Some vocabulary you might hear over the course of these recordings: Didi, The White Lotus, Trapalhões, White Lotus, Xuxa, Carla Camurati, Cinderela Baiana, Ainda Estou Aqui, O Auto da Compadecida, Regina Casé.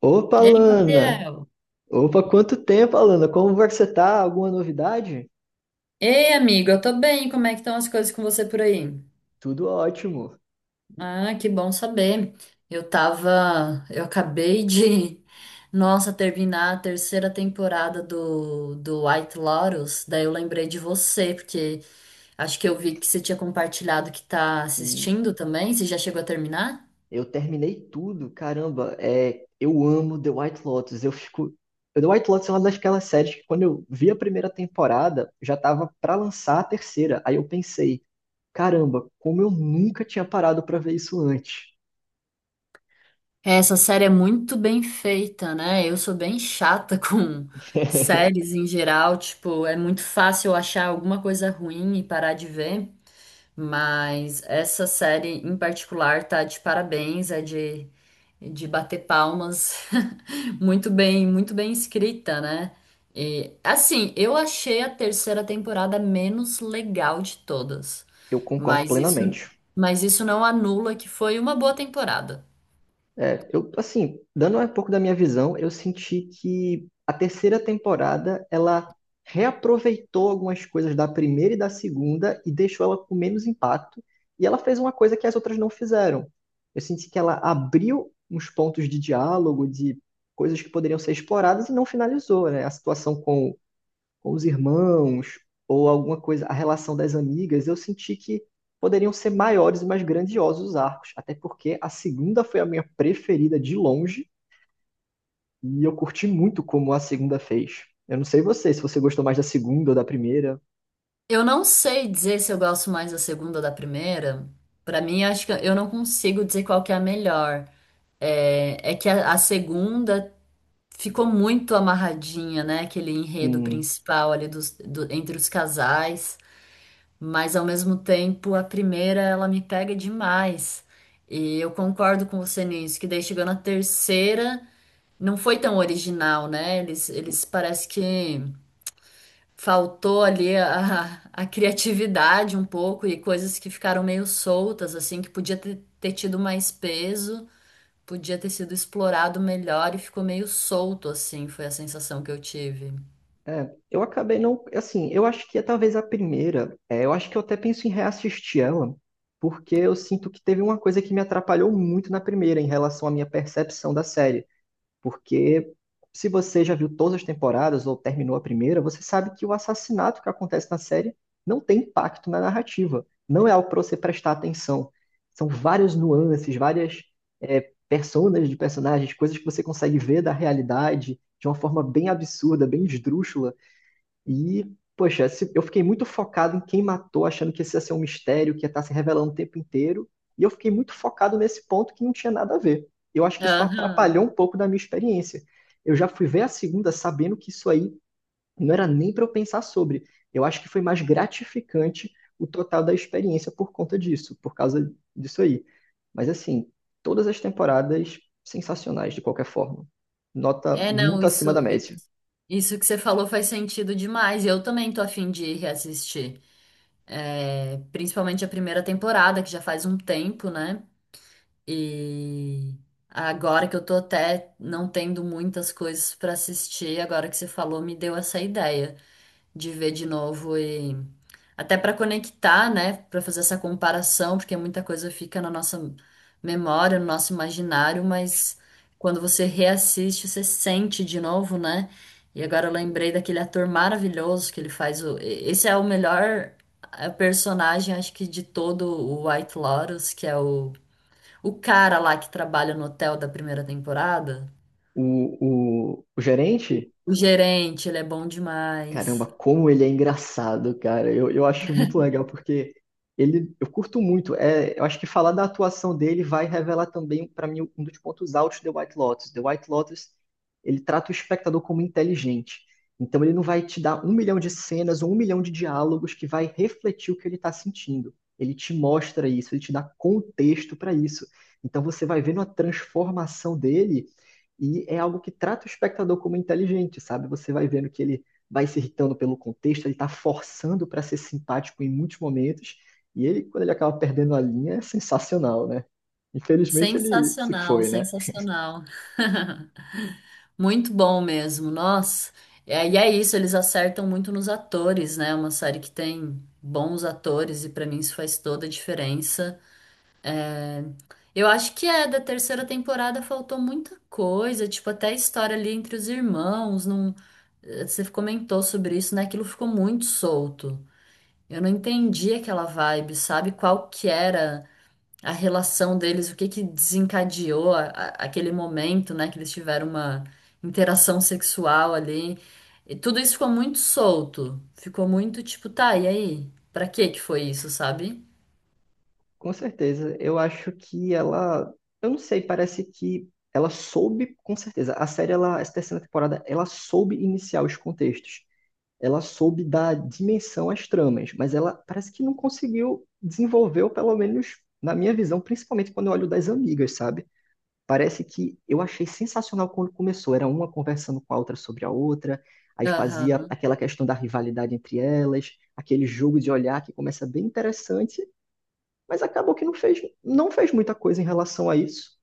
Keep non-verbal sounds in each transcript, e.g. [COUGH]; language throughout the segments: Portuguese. Opa, Ei, Lana! Gabriel. Opa, quanto tempo, Alana? Como você tá? Alguma novidade? Ei, amigo, eu tô bem. Como é que estão as coisas com você por aí? Tudo ótimo. Ah, que bom saber. Eu acabei de, [LAUGHS] nossa, terminar a terceira temporada do White Lotus. Daí eu lembrei de você, porque acho que eu vi que você tinha compartilhado que tá Hum. assistindo também. Você já chegou a terminar? Eu terminei tudo, caramba. É, eu amo The White Lotus. Eu fico. The White Lotus é uma daquelas séries que quando eu vi a primeira temporada, já tava pra lançar a terceira. Aí eu pensei, caramba, como eu nunca tinha parado pra ver isso antes. Essa série é muito bem feita, né? Eu sou bem chata [LAUGHS] com séries [LAUGHS] em geral, tipo, é muito fácil eu achar alguma coisa ruim e parar de ver, mas essa série em particular tá de parabéns, de bater palmas. [LAUGHS] Muito bem escrita, né? E assim, eu achei a terceira temporada menos legal de todas, Eu concordo mas isso, plenamente. mas isso não anula que foi uma boa temporada. É, eu, assim, dando um pouco da minha visão, eu senti que a terceira temporada, ela reaproveitou algumas coisas da primeira e da segunda e deixou ela com menos impacto, e ela fez uma coisa que as outras não fizeram. Eu senti que ela abriu uns pontos de diálogo, de coisas que poderiam ser exploradas e não finalizou, né? A situação com os irmãos ou alguma coisa, a relação das amigas, eu senti que poderiam ser maiores e mais grandiosos os arcos, até porque a segunda foi a minha preferida de longe e eu curti muito como a segunda fez. Eu não sei você, se você gostou mais da segunda ou da primeira. Eu não sei dizer se eu gosto mais da segunda ou da primeira. Pra mim, acho que eu não consigo dizer qual que é a melhor. É, é que a segunda ficou muito amarradinha, né? Aquele enredo Sim. principal ali entre os casais. Mas ao mesmo tempo, a primeira ela me pega demais. E eu concordo com você nisso, que daí chegando a terceira, não foi tão original, né? Eles parece que faltou ali [LAUGHS] a criatividade um pouco e coisas que ficaram meio soltas, assim, que podia ter tido mais peso, podia ter sido explorado melhor e ficou meio solto, assim, foi a sensação que eu tive. É, eu acabei não, assim, eu acho que é talvez a primeira, é, eu acho que eu até penso em reassistir ela, porque eu sinto que teve uma coisa que me atrapalhou muito na primeira em relação à minha percepção da série. Porque se você já viu todas as temporadas ou terminou a primeira, você sabe que o assassinato que acontece na série não tem impacto na narrativa. Não é algo para você prestar atenção. São várias nuances, várias é, personas de personagens, coisas que você consegue ver da realidade de uma forma bem absurda, bem esdrúxula, e, poxa, eu fiquei muito focado em quem matou, achando que esse ia ser um mistério, que ia estar se revelando o tempo inteiro. E eu fiquei muito focado nesse ponto que não tinha nada a ver. Eu acho que isso Aham. atrapalhou um pouco da minha experiência. Eu já fui ver a segunda sabendo que isso aí não era nem para eu pensar sobre. Eu acho que foi mais gratificante o total da experiência por conta disso, por causa disso aí. Mas assim, todas as temporadas sensacionais de qualquer forma. Nota É, não, muito acima da isso, média. isso que você falou faz sentido demais. Eu também tô a fim de reassistir. É, principalmente a primeira temporada, que já faz um tempo, né? E agora que eu tô até não tendo muitas coisas pra assistir, agora que você falou, me deu essa ideia de ver de novo e até pra conectar, né, pra fazer essa comparação, porque muita coisa fica na nossa memória, no nosso imaginário, mas quando você reassiste, você sente de novo, né? E agora eu lembrei daquele ator maravilhoso que ele faz o... Esse é o melhor personagem, acho que de todo o White Lotus, que é o cara lá que trabalha no hotel da primeira temporada, O gerente. o gerente, ele é bom Caramba, demais. como ele é engraçado, cara. Eu acho muito legal porque ele, eu curto muito. É, eu acho que falar da atuação dele vai revelar também pra mim um dos pontos altos de The White Lotus. The White Lotus, ele trata o espectador como inteligente. Então ele não vai te dar um milhão de cenas ou um milhão de diálogos que vai refletir o que ele está sentindo. Ele te mostra isso, ele te dá contexto para isso. Então você vai vendo a transformação dele. E é algo que trata o espectador como inteligente, sabe? Você vai vendo que ele vai se irritando pelo contexto, ele está forçando para ser simpático em muitos momentos, e ele, quando ele acaba perdendo a linha, é sensacional, né? Infelizmente ele se Sensacional, foi, né? sensacional. [LAUGHS] Muito bom mesmo, nossa. É, e é isso, eles acertam muito nos atores, né? É uma série que tem bons atores e pra mim isso faz toda a diferença. Eu acho que é, da terceira temporada faltou muita coisa, tipo, até a história ali entre os irmãos, não... Você comentou sobre isso, né? Aquilo ficou muito solto. Eu não entendi aquela vibe, sabe? Qual que era a relação deles, o que que desencadeou aquele momento, né? Que eles tiveram uma interação sexual ali. E tudo isso ficou muito solto. Ficou muito tipo, tá, e aí? Pra que que foi isso, sabe? Com certeza, eu acho que ela, eu não sei, parece que ela soube, com certeza, a série, ela, essa terceira temporada, ela soube iniciar os contextos, ela soube dar dimensão às tramas, mas ela parece que não conseguiu desenvolver, ou pelo menos na minha visão, principalmente quando eu olho das amigas, sabe? Parece que eu achei sensacional quando começou. Era uma conversando com a outra sobre a outra, aí fazia Aham, aquela questão da rivalidade entre elas, aquele jogo de olhar que começa bem interessante, mas acabou que não fez muita coisa em relação a isso.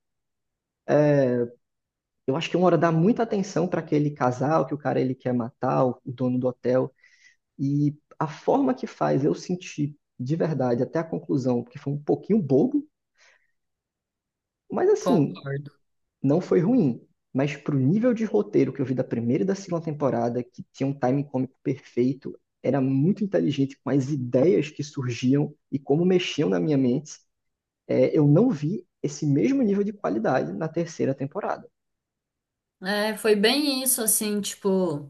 Eu acho que uma hora dá muita atenção para aquele casal que o cara ele quer matar, o dono do hotel, e a forma que faz eu sentir de verdade até a conclusão, porque foi um pouquinho bobo, mas assim, concordo. não foi ruim, mas pro nível de roteiro que eu vi da primeira e da segunda temporada, que tinha um timing cômico perfeito, era muito inteligente com as ideias que surgiam e como mexiam na minha mente, é, eu não vi esse mesmo nível de qualidade na terceira temporada. É, foi bem isso, assim, tipo.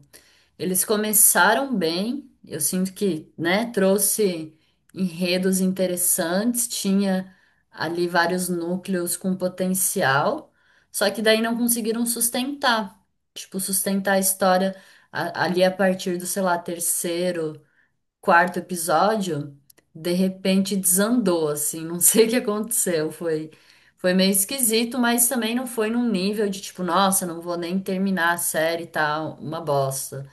Eles começaram bem, eu sinto que, né, trouxe enredos interessantes, tinha ali vários núcleos com potencial, só que daí não conseguiram sustentar, tipo, sustentar a história ali a partir do, sei lá, terceiro, quarto episódio, de repente desandou, assim, não [LAUGHS] sei o que aconteceu, foi meio esquisito, mas também não foi num nível de tipo, nossa, não vou nem terminar a série e tal, uma bosta.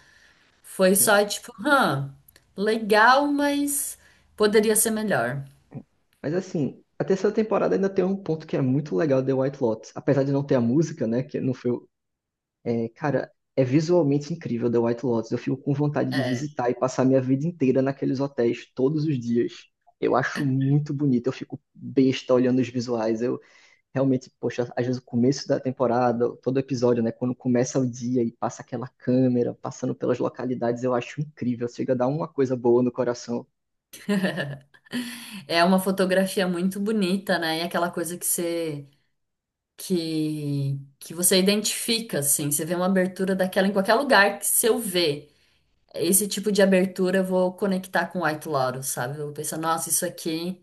Foi Né? só tipo, legal, mas poderia ser melhor. Mas assim, a terceira temporada ainda tem um ponto que é muito legal de The White Lotus, apesar de não ter a música, né, que não foi. É, cara, é visualmente incrível The White Lotus. Eu fico com vontade de É, visitar e passar minha vida inteira naqueles hotéis todos os dias. Eu acho muito bonito, eu fico besta olhando os visuais. Eu realmente, poxa, às vezes o começo da temporada, todo episódio, né? Quando começa o dia e passa aquela câmera, passando pelas localidades, eu acho incrível. Chega a dar uma coisa boa no coração. é uma fotografia muito bonita, né? E aquela coisa que você identifica, assim, você vê uma abertura daquela em qualquer lugar que se eu ver esse tipo de abertura, eu vou conectar com White Lotus, sabe? Eu vou pensar, nossa, isso aqui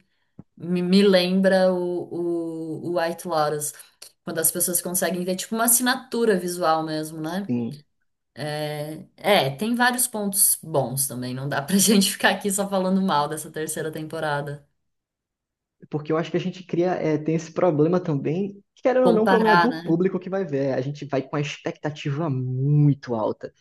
me lembra o White Lotus. Quando as pessoas conseguem ver, tipo, uma assinatura visual mesmo, né? Sim, É, é, tem vários pontos bons também. Não dá pra [LAUGHS] gente ficar aqui só falando mal dessa terceira temporada. porque eu acho que a gente cria, é, tem esse problema também, que era ou não, é um problema Comparar, do né? público que vai ver. A gente vai com a expectativa muito alta.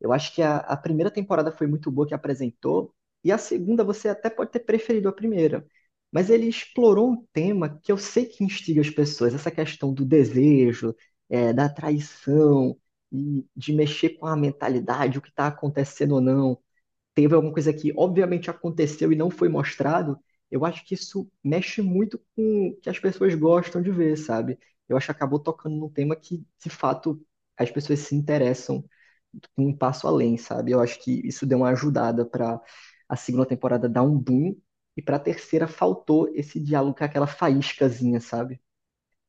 Eu acho que a primeira temporada foi muito boa que apresentou, e a segunda você até pode ter preferido a primeira. Mas ele explorou um tema que eu sei que instiga as pessoas, essa questão do desejo, é, da traição, e de mexer com a mentalidade, o que está acontecendo ou não teve alguma coisa que obviamente aconteceu e não foi mostrado, eu acho que isso mexe muito com o que as pessoas gostam de ver, sabe? Eu acho que acabou tocando num tema que, de fato, as pessoas se interessam com um passo além, sabe? Eu acho que isso deu uma ajudada para a segunda temporada dar um boom e para a terceira faltou esse diálogo com aquela faíscazinha, sabe?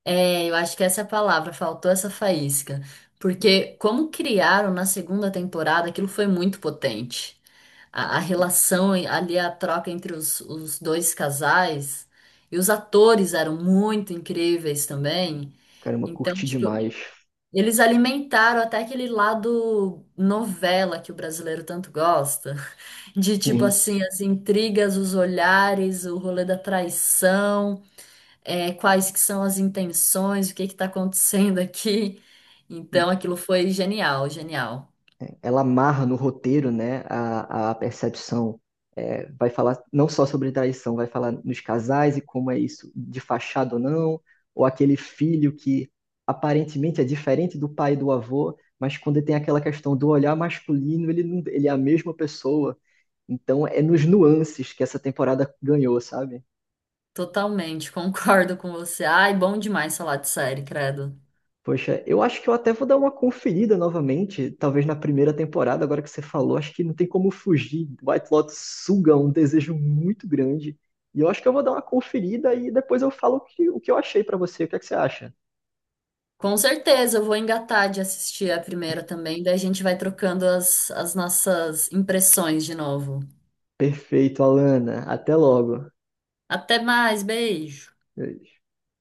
É, eu acho que essa é a palavra. Faltou essa faísca. Porque como criaram na segunda temporada, aquilo foi muito potente. A relação e ali, a troca entre os dois casais. E os atores eram muito incríveis também. Caramba, Então, curti tipo, demais. eles alimentaram até aquele lado novela que o brasileiro tanto gosta. De tipo Sim. assim, as intrigas, os olhares, o rolê da traição, é, quais que são as intenções, o que que tá acontecendo aqui. Então, aquilo foi genial, genial. Ela amarra no roteiro, né, a percepção. É, vai falar não só sobre traição, vai falar nos casais e como é isso, de fachada ou não, ou aquele filho que aparentemente é diferente do pai e do avô, mas quando tem aquela questão do olhar masculino, ele, não- ele é a mesma pessoa. Então é nos nuances que essa temporada ganhou, sabe? Totalmente, [LAUGHS] concordo com você. Ai, bom demais falar de série, credo. Poxa, eu acho que eu até vou dar uma conferida novamente, talvez na primeira temporada, agora que você falou, acho que não tem como fugir. White Lotus suga um desejo muito grande. E eu acho que eu vou dar uma conferida e depois eu falo o que eu achei pra você. O que é que você acha? Com certeza, eu vou engatar de assistir a primeira também, daí a gente vai trocando as nossas impressões de novo. Perfeito, Alana. Até logo. Até mais, beijo!